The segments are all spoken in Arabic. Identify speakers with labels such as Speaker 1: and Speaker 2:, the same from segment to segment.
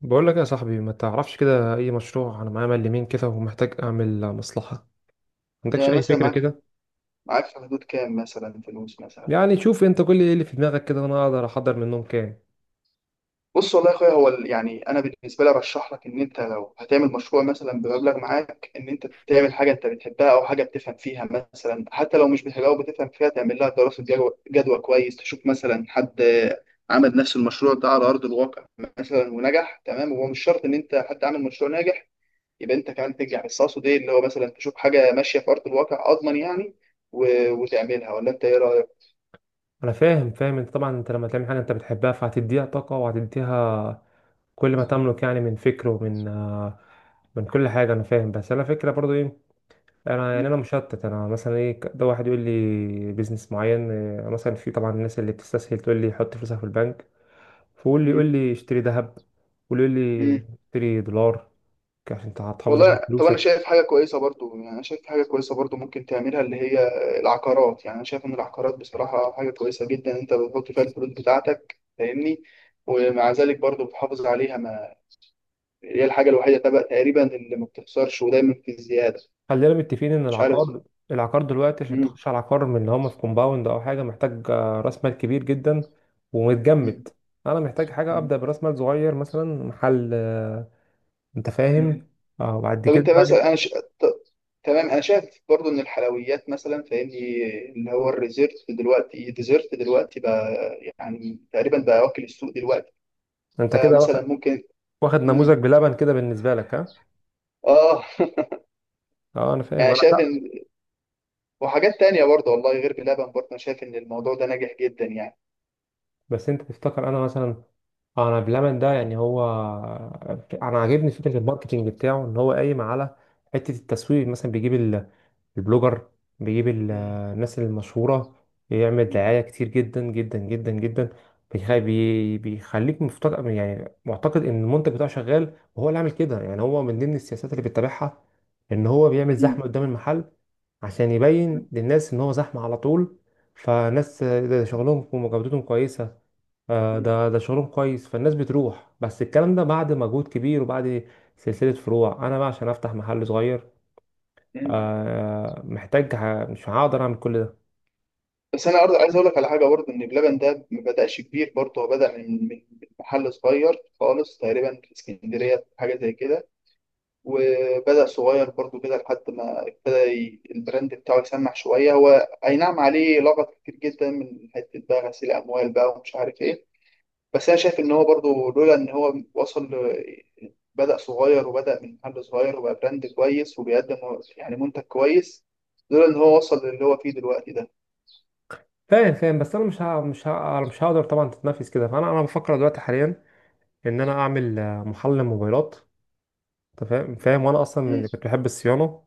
Speaker 1: بقول لك يا صاحبي، ما تعرفش كده اي مشروع؟ انا معايا مال يمين كده ومحتاج اعمل مصلحه، ما عندكش
Speaker 2: يعني
Speaker 1: اي
Speaker 2: مثلا
Speaker 1: فكره
Speaker 2: معاك
Speaker 1: كده؟
Speaker 2: معاك في حدود كام مثلا فلوس مثلا؟
Speaker 1: يعني شوف انت كل ايه اللي في دماغك كده وانا اقدر احضر منهم كام.
Speaker 2: بص والله يا اخويا، هو يعني انا بالنسبه لي ارشح لك ان انت لو هتعمل مشروع مثلا بمبلغ معاك، ان انت تعمل حاجه انت بتحبها او حاجه بتفهم فيها، مثلا حتى لو مش بتحبها وبتفهم فيها تعمل لها دراسه جدوى كويس، تشوف مثلا حد عمل نفس المشروع ده على ارض الواقع مثلا ونجح تمام، وهو مش شرط ان انت حد عامل مشروع ناجح يبقى انت كمان تنجح، بس اقصد ايه اللي هو مثلا تشوف حاجه ماشيه في ارض الواقع اضمن يعني وتعملها، ولا انت ايه رايك؟
Speaker 1: انا فاهم، فاهم. انت طبعا، انت لما تعمل حاجه انت بتحبها فهتديها طاقه وهتديها كل ما تملك. يعني من فكر ومن من كل حاجه. انا فاهم، بس انا فكره برضو ايه. انا يعني انا مشتت. انا مثلا ايه ده، واحد يقول لي بيزنس معين، مثلا. في طبعا الناس اللي بتستسهل تقول لي حط فلوسك في البنك، فقول لي يقول لي اشتري ذهب، ويقول لي
Speaker 2: مم.
Speaker 1: اشتري دولار عشان انت هتحافظ على
Speaker 2: والله طب انا
Speaker 1: فلوسك.
Speaker 2: شايف حاجه كويسه برضو، يعني انا شايف حاجه كويسه برضو ممكن تعملها اللي هي العقارات. يعني انا شايف ان العقارات بصراحه حاجه كويسه جدا، انت بتحط فيها الفلوس بتاعتك فاهمني، ومع ذلك برضو بتحافظ عليها، ما هي الحاجه الوحيده تبقى تقريبا اللي ما بتخسرش ودايما في زياده.
Speaker 1: خلينا متفقين ان
Speaker 2: مش عارف.
Speaker 1: العقار دلوقتي عشان
Speaker 2: مم.
Speaker 1: تخش على عقار من اللي هم في كومباوند او حاجه، محتاج راس مال كبير جدا ومتجمد.
Speaker 2: مم.
Speaker 1: انا محتاج حاجه
Speaker 2: مم.
Speaker 1: ابدا براس مال صغير، مثلا محل، انت
Speaker 2: مم.
Speaker 1: فاهم. اه، وبعد
Speaker 2: طب
Speaker 1: كده
Speaker 2: انت
Speaker 1: بقى،
Speaker 2: مثلا ط... تمام، انا شايف برضو ان الحلويات مثلا فاهمني، اللي هو الريزيرت دلوقتي الديزرت دلوقتي بقى، يعني تقريبا بقى واكل السوق دلوقتي،
Speaker 1: انت كده واخد،
Speaker 2: فمثلا ممكن. مم.
Speaker 1: نموذج بلبن كده بالنسبه لك ها؟
Speaker 2: اه.
Speaker 1: اه انا فاهم.
Speaker 2: يعني
Speaker 1: انا
Speaker 2: شايف
Speaker 1: لا،
Speaker 2: ان وحاجات تانية برضه والله غير بلبن برضه، انا شايف ان الموضوع ده ناجح جدا يعني.
Speaker 1: بس انت تفتكر انا مثلا، انا بلمن ده يعني هو، انا عاجبني فكره الماركتينج بتاعه ان هو قايم على حته التسويق، مثلا بيجيب البلوجر، بيجيب
Speaker 2: مم.
Speaker 1: الناس المشهوره، يعمل دعايه كتير جدا جدا جدا جدا. بيخليك مفتقد يعني معتقد ان المنتج بتاعه شغال، وهو اللي عامل كده. يعني هو من ضمن السياسات اللي بيتبعها ان هو بيعمل
Speaker 2: مم.
Speaker 1: زحمه قدام المحل عشان
Speaker 2: مم.
Speaker 1: يبين للناس ان هو زحمه على طول، فناس ده شغلهم وجودتهم كويسه. ده شغلهم كويس، فالناس بتروح. بس الكلام ده بعد مجهود كبير وبعد سلسلة فروع. انا بقى عشان افتح محل صغير،
Speaker 2: مم.
Speaker 1: مش هقدر اعمل كل ده.
Speaker 2: بس انا برضه عايز اقول لك على حاجه برضه، ان بلبن ده ما بداش كبير برضه، هو بدا من محل صغير خالص تقريبا في اسكندريه حاجه زي كده، وبدا صغير برضه كده لحد ما ابتدى البراند بتاعه يسمع شويه. هو اي نعم عليه لغط كتير جدا من حته بقى غسيل اموال بقى ومش عارف ايه، بس انا شايف ان هو برضو لولا ان هو وصل بدأ صغير وبدأ من محل صغير وبقى براند كويس وبيقدم يعني منتج كويس، لولا ان هو وصل للي هو فيه دلوقتي ده.
Speaker 1: فاهم، فاهم. بس انا مش هقدر طبعا تتنافس كده. فانا بفكر دلوقتي حاليا ان انا اعمل محل موبايلات، انت فاهم، فاهم. وانا اصلا
Speaker 2: مم.
Speaker 1: من كنت بحب الصيانة،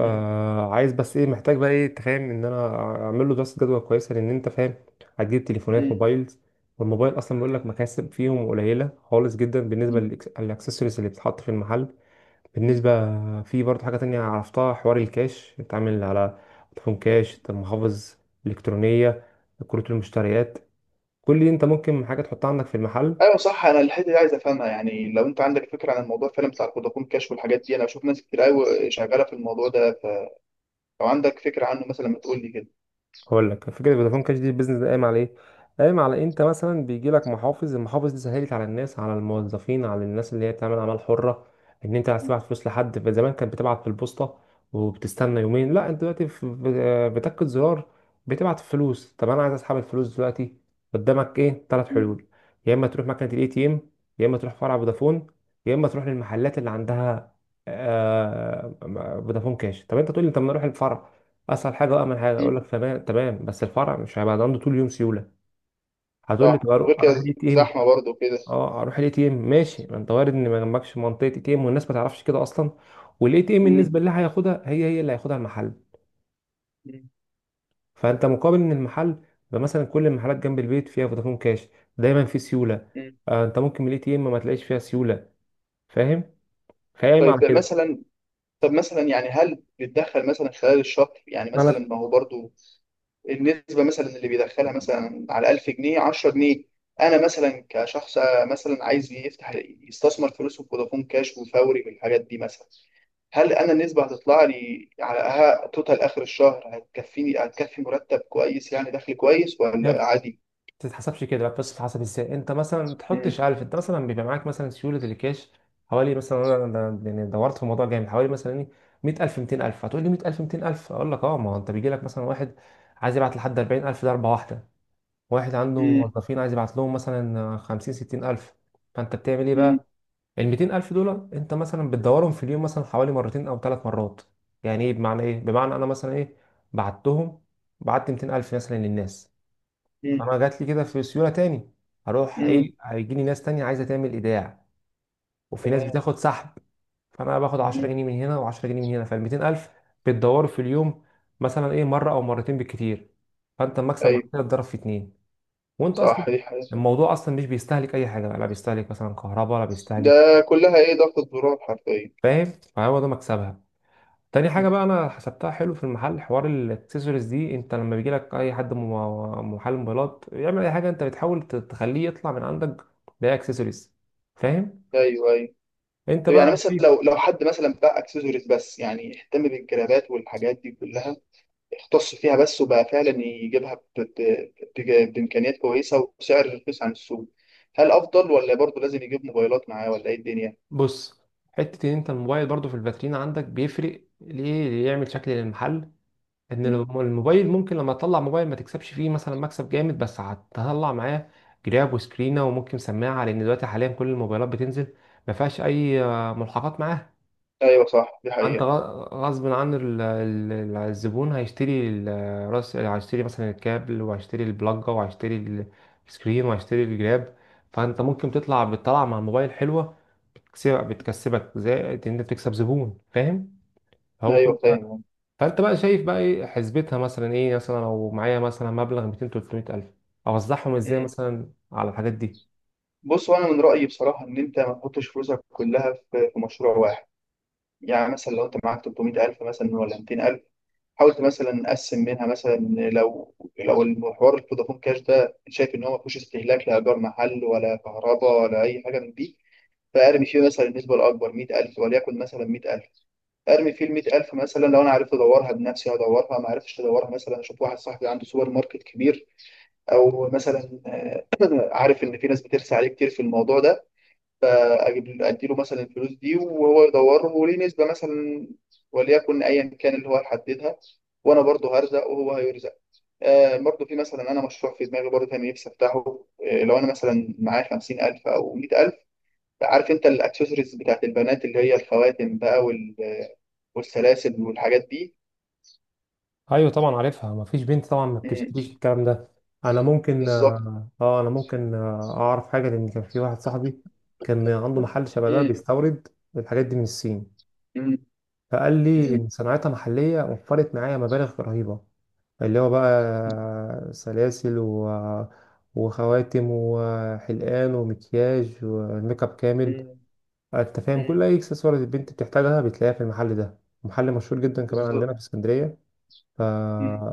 Speaker 2: مم.
Speaker 1: بس ايه، محتاج بقى ايه، تفهم ان انا اعمل له دراسه جدوى كويسه، لان انت فاهم هتجيب تليفونات
Speaker 2: مم.
Speaker 1: موبايلز، والموبايل اصلا بيقول لك مكاسب فيهم قليله خالص جدا بالنسبه للاكسسوارز اللي بتتحط في المحل. بالنسبه، في برضه حاجه تانية عرفتها، حوار الكاش بتعمل على فودافون كاش، المحافظ الالكترونيه، كروت المشتريات. كل دي انت ممكن حاجه تحطها عندك في المحل.
Speaker 2: ايوه صح، انا الحته دي عايز افهمها، يعني لو انت عندك فكره عن الموضوع فعلا بتاع الفودافون كاش والحاجات دي، انا بشوف ناس كتير قوي شغاله في الموضوع ده، فلو عندك فكره عنه مثلا ما تقول لي كده.
Speaker 1: هقول لك فكره فودافون كاش دي. البيزنس ده قايم على إيه؟ انت مثلا بيجي لك محافظ المحافظ دي سهلت على الناس، على الموظفين، على الناس اللي هي بتعمل اعمال حره، ان انت عايز تبعت فلوس لحد. زمان كانت بتبعت في البوسطه وبتستنى يومين. لا، انت دلوقتي بتكة زرار بتبعت فلوس. طب انا عايز اسحب الفلوس دلوقتي، قدامك ايه ثلاث
Speaker 2: مم.
Speaker 1: حلول يا اما تروح مكنه الاي تي ام، يا اما تروح فرع فودافون، يا اما تروح للمحلات اللي عندها آه، فودافون كاش. طب انت تقول لي طب ما اروح الفرع، اسهل حاجه وامن حاجه.
Speaker 2: مم.
Speaker 1: اقول لك تمام، تمام، بس الفرع مش هيبقى عنده طول اليوم سيوله. هتقول لي طب
Speaker 2: صح، وغير كده
Speaker 1: اروح الاي تي ام.
Speaker 2: زحمه برضه كده.
Speaker 1: اه، اروح الاي تي ام ماشي، ما انت وارد ان ما جنبكش منطقه اي تي ام، والناس ما تعرفش كده اصلا. والاي تي ام
Speaker 2: مم.
Speaker 1: النسبه اللي هياخدها هي هي اللي هياخدها المحل.
Speaker 2: مم.
Speaker 1: فانت مقابل ان المحل يبقى مثلا كل المحلات جنب البيت فيها فودافون كاش، دايما في سيوله.
Speaker 2: مم.
Speaker 1: آه، انت ممكن من الاي تي ام ما تلاقيش فيها سيوله، فاهم، فاهم
Speaker 2: طيب
Speaker 1: على كده.
Speaker 2: مثلا، طب مثلا يعني هل بتدخل مثلا خلال الشهر، يعني
Speaker 1: ما
Speaker 2: مثلا
Speaker 1: انا
Speaker 2: ما هو برضو النسبة مثلا اللي بيدخلها مثلا على 1000 جنيه 10 جنيه. أنا مثلا كشخص مثلا عايز يفتح يستثمر فلوسه في فودافون كاش وفوري والحاجات دي مثلا، هل أنا النسبة هتطلع لي على توتال آخر الشهر هتكفيني، هتكفي مرتب كويس يعني دخل كويس ولا
Speaker 1: هي
Speaker 2: عادي؟
Speaker 1: تتحسبش كده بقى، بس تتحسب ازاي؟ انت مثلا ما
Speaker 2: مم.
Speaker 1: تحطش الف. انت مثلا بيبقى معاك مثلا سيوله الكاش حوالي مثلا، انا يعني دورت في الموضوع جامد، حوالي مثلا ايه، 100000 200000. هتقول لي 100000 200000، اقول لك اه، ما هو انت بيجي لك مثلا واحد عايز يبعت لحد 40000، ده ضربه واحده. واحد عنده
Speaker 2: مم.
Speaker 1: موظفين عايز يبعت لهم مثلا 50 60000. فانت بتعمل ايه
Speaker 2: مم.
Speaker 1: بقى؟ ال 200000 دول انت مثلا بتدورهم في اليوم مثلا حوالي مرتين او 3 مرات. يعني ايه، بمعنى ايه؟ بمعنى انا مثلا ايه، بعتهم بعت 200000 مثلا للناس.
Speaker 2: مم.
Speaker 1: فانا جات لي كده في سيوله تاني. هروح
Speaker 2: مم.
Speaker 1: ايه، هيجي لي ناس تانية عايزه تعمل ايداع، وفي ناس
Speaker 2: تمام.
Speaker 1: بتاخد سحب. فانا باخد 10
Speaker 2: مم.
Speaker 1: جنيه من هنا و10 جنيه من هنا. فال 200000 بتدوروا في اليوم مثلا ايه، مره او مرتين بالكتير. فانت المكسب معاك
Speaker 2: أيوه
Speaker 1: كده اتضرب في اتنين. وانت
Speaker 2: صح،
Speaker 1: اصلا
Speaker 2: دي حاجة.
Speaker 1: الموضوع اصلا مش بيستهلك اي حاجه، لا بيستهلك مثلا كهرباء ولا بيستهلك.
Speaker 2: ده كلها إيه، ضغط الزرار حرفيا.
Speaker 1: فاهم؟ فهو ده مكسبها. تاني حاجة بقى أنا حسبتها حلو في المحل، حوار الأكسسوارز دي. أنت لما بيجيلك أي حد محل موبايلات يعمل أي حاجة، أنت بتحاول تخليه يطلع من عندك بأي أكسسوارز. فاهم؟
Speaker 2: ايوه ايوه.
Speaker 1: أنت
Speaker 2: طب يعني
Speaker 1: بقى
Speaker 2: مثلا
Speaker 1: شايف.
Speaker 2: لو حد مثلا بقى اكسسوارز بس، يعني اهتم بالجرابات والحاجات دي كلها، اختص فيها بس وبقى فعلا بامكانيات كويسه وسعر رخيص عن السوق، هل افضل ولا برضه لازم يجيب موبايلات معاه ولا ايه الدنيا؟
Speaker 1: بص، حتة إن أنت الموبايل برضو في الفاترين عندك بيفرق، ليه؟ يعمل شكل للمحل. إن
Speaker 2: مم.
Speaker 1: الموبايل ممكن لما تطلع موبايل ما تكسبش فيه مثلا مكسب جامد، بس هتطلع معاه جراب وسكرينة وممكن سماعة، لأن دلوقتي حاليا كل الموبايلات بتنزل ما فيهاش أي ملحقات معاها.
Speaker 2: ايوه صح، دي
Speaker 1: انت
Speaker 2: حقيقه.
Speaker 1: غصب عن الزبون، هيشتري راس، هيشتري مثلا الكابل، وهيشتري البلاجة، وهيشتري السكرين، وهيشتري الجراب. فانت ممكن تطلع، بتطلع مع موبايل حلوة، بتكسبك زي ان انت بتكسب زبون، فاهم، هو كل
Speaker 2: ايوه
Speaker 1: ده.
Speaker 2: فاهم.
Speaker 1: فانت بقى شايف بقى ايه حسبتها مثلا، ايه مثلا لو معايا مثلا مبلغ 200 300 الف، اوزعهم ازاي
Speaker 2: مم.
Speaker 1: مثلا على الحاجات دي؟
Speaker 2: بص، وانا من رايي بصراحه ان انت ما تحطش فلوسك كلها في مشروع واحد. يعني مثلا لو انت معاك 300,000 مثلا ولا 200,000، حاولت مثلا اقسم منها مثلا. لو لو المحور الفودافون كاش ده، شايف ان هو ما فيهوش استهلاك لايجار محل ولا كهرباء ولا اي حاجه من دي، فارمي فيه مثلا النسبه الاكبر 100,000، وليكن مثلا 100,000. ارمي فيه ال 100,000 مثلا، لو انا عرفت ادورها بنفسي ادورها، ما عرفتش ادورها مثلا اشوف واحد صاحبي عنده سوبر ماركت كبير، او مثلا آه، عارف ان في ناس بترسى عليه كتير في الموضوع ده، فاجيب ادي له مثلا الفلوس دي وهو يدوره وليه نسبه مثلا، وليكن ايا كان اللي هو يحددها، وانا برضه هرزق وهو هيرزق. آه، برضو في مثلا انا مشروع في دماغي برضو كان نفسي افتحه. آه، لو انا مثلا معايا 50,000 او 100,000، عارف انت الاكسسوارز بتاعت البنات اللي هي الخواتم بقى والسلاسل والحاجات دي.
Speaker 1: ايوه طبعا عارفها، مفيش بنت طبعا ما
Speaker 2: مم،
Speaker 1: بتشتريش الكلام ده.
Speaker 2: بالظبط.
Speaker 1: انا ممكن اعرف حاجه، لان كان في واحد صاحبي كان عنده محل شبه ده،
Speaker 2: مم،
Speaker 1: بيستورد الحاجات دي من الصين.
Speaker 2: مم،
Speaker 1: فقال لي
Speaker 2: مم،
Speaker 1: ان صناعتها محليه وفرت معايا مبالغ رهيبه، اللي هو بقى سلاسل و... آه، وخواتم وحلقان ومكياج وميك اب كامل.
Speaker 2: مم،
Speaker 1: انت فاهم، كل
Speaker 2: مم،
Speaker 1: اي اكسسوارات البنت بتحتاجها بتلاقيها في المحل ده، محل مشهور جدا كمان عندنا
Speaker 2: بالظبط.
Speaker 1: في اسكندريه. ف،
Speaker 2: مم.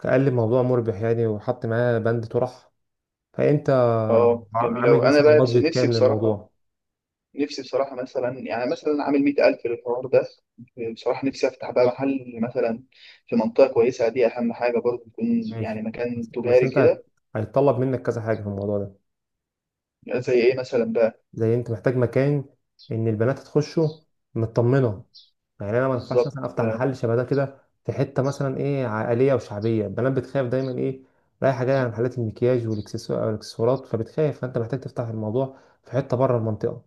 Speaker 1: كقلب موضوع مربح يعني، وحط معاه بند طرح. فانت
Speaker 2: اه جميل
Speaker 1: عامل
Speaker 2: أوي. انا
Speaker 1: مثلا
Speaker 2: بقى بس
Speaker 1: بادجت
Speaker 2: نفسي
Speaker 1: كام
Speaker 2: بصراحه
Speaker 1: للموضوع؟
Speaker 2: نفسي بصراحه مثلا يعني مثلا عامل 100,000 للحوار ده، بصراحه نفسي افتح بقى محل مثلا في منطقه كويسه، دي اهم حاجه، برضو يكون يعني
Speaker 1: ماشي.
Speaker 2: مكان
Speaker 1: بس
Speaker 2: تجاري
Speaker 1: انت
Speaker 2: كده.
Speaker 1: هيتطلب منك كذا حاجه في الموضوع ده.
Speaker 2: زي ايه مثلا بقى.
Speaker 1: زي انت محتاج مكان ان البنات تخشه مطمنه، يعني انا ما ينفعش
Speaker 2: بالظبط.
Speaker 1: مثلا افتح محل شبه ده كده في حته مثلا ايه عائليه وشعبيه، البنات بتخاف دايما ايه رايحه جايه على محلات المكياج والاكسسوارات، فبتخاف. فانت محتاج تفتح الموضوع في حته بره المنطقه.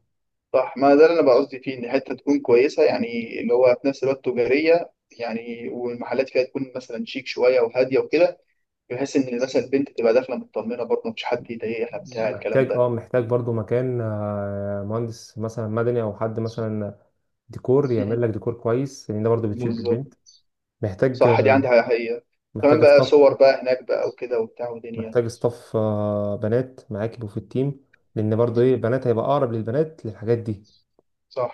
Speaker 2: صح، ما ده اللي انا بقى قصدي فيه، ان حته تكون كويسه يعني اللي هو في نفس الوقت تجاريه، يعني والمحلات فيها تكون مثلا شيك شويه وهاديه وكده، بحيث ان مثلا البنت تبقى داخله مطمنه برضه، مفيش حد يضايقها بتاع الكلام
Speaker 1: محتاج، اه،
Speaker 2: ده.
Speaker 1: محتاج برضو مكان، مهندس مثلا مدني او حد مثلا ديكور،
Speaker 2: مم.
Speaker 1: يعمل لك ديكور كويس لان ده برضو بتشد
Speaker 2: بالظبط.
Speaker 1: البنت. محتاج
Speaker 2: صح، دي
Speaker 1: آه،
Speaker 2: عندها حقيقه. كمان
Speaker 1: محتاج
Speaker 2: بقى
Speaker 1: ستاف،
Speaker 2: صور بقى هناك بقى وكده وبتاع ودنيا.
Speaker 1: بنات معاك يبقوا في التيم، لان برضو ايه
Speaker 2: مم.
Speaker 1: البنات هيبقى اقرب للبنات للحاجات دي.
Speaker 2: صح.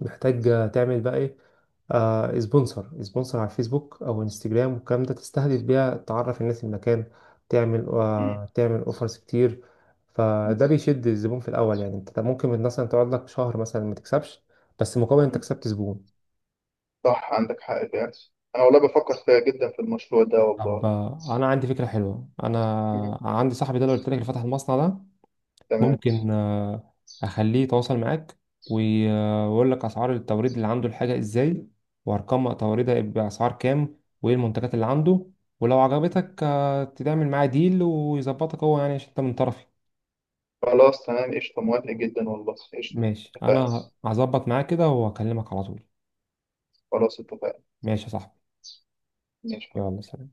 Speaker 1: محتاج تعمل بقى ايه، سبونسر على الفيسبوك او انستجرام والكلام ده، تستهدف بيها، تعرف الناس المكان.
Speaker 2: مم.
Speaker 1: تعمل اوفرز كتير،
Speaker 2: مم.
Speaker 1: فده بيشد الزبون في الاول. يعني انت ممكن مثلا تقعد لك شهر مثلا ما تكسبش، بس مقابل انت كسبت زبون.
Speaker 2: صح عندك حق فعلا. انا والله بفكر فيها جدا في المشروع ده
Speaker 1: طب
Speaker 2: والله.
Speaker 1: انا عندي فكره حلوه. انا
Speaker 2: مم.
Speaker 1: عندي صاحبي ده اللي قلت لك اللي فتح المصنع ده،
Speaker 2: تمام.
Speaker 1: ممكن اخليه يتواصل معاك، ويقول لك اسعار التوريد اللي عنده، الحاجه ازاي، وارقام توريدها باسعار كام، وايه المنتجات اللي عنده، ولو عجبتك تعمل معاه ديل، ويظبطك هو يعني عشان انت من طرفي.
Speaker 2: خلاص تمام قشطة، موافق جدا والله، قشطة.
Speaker 1: ماشي،
Speaker 2: اتفقنا.
Speaker 1: انا هظبط معاه كده واكلمك على طول.
Speaker 2: خلاص اتفقنا.
Speaker 1: ماشي يا صاحبي.
Speaker 2: ماشي.
Speaker 1: يلا سلام.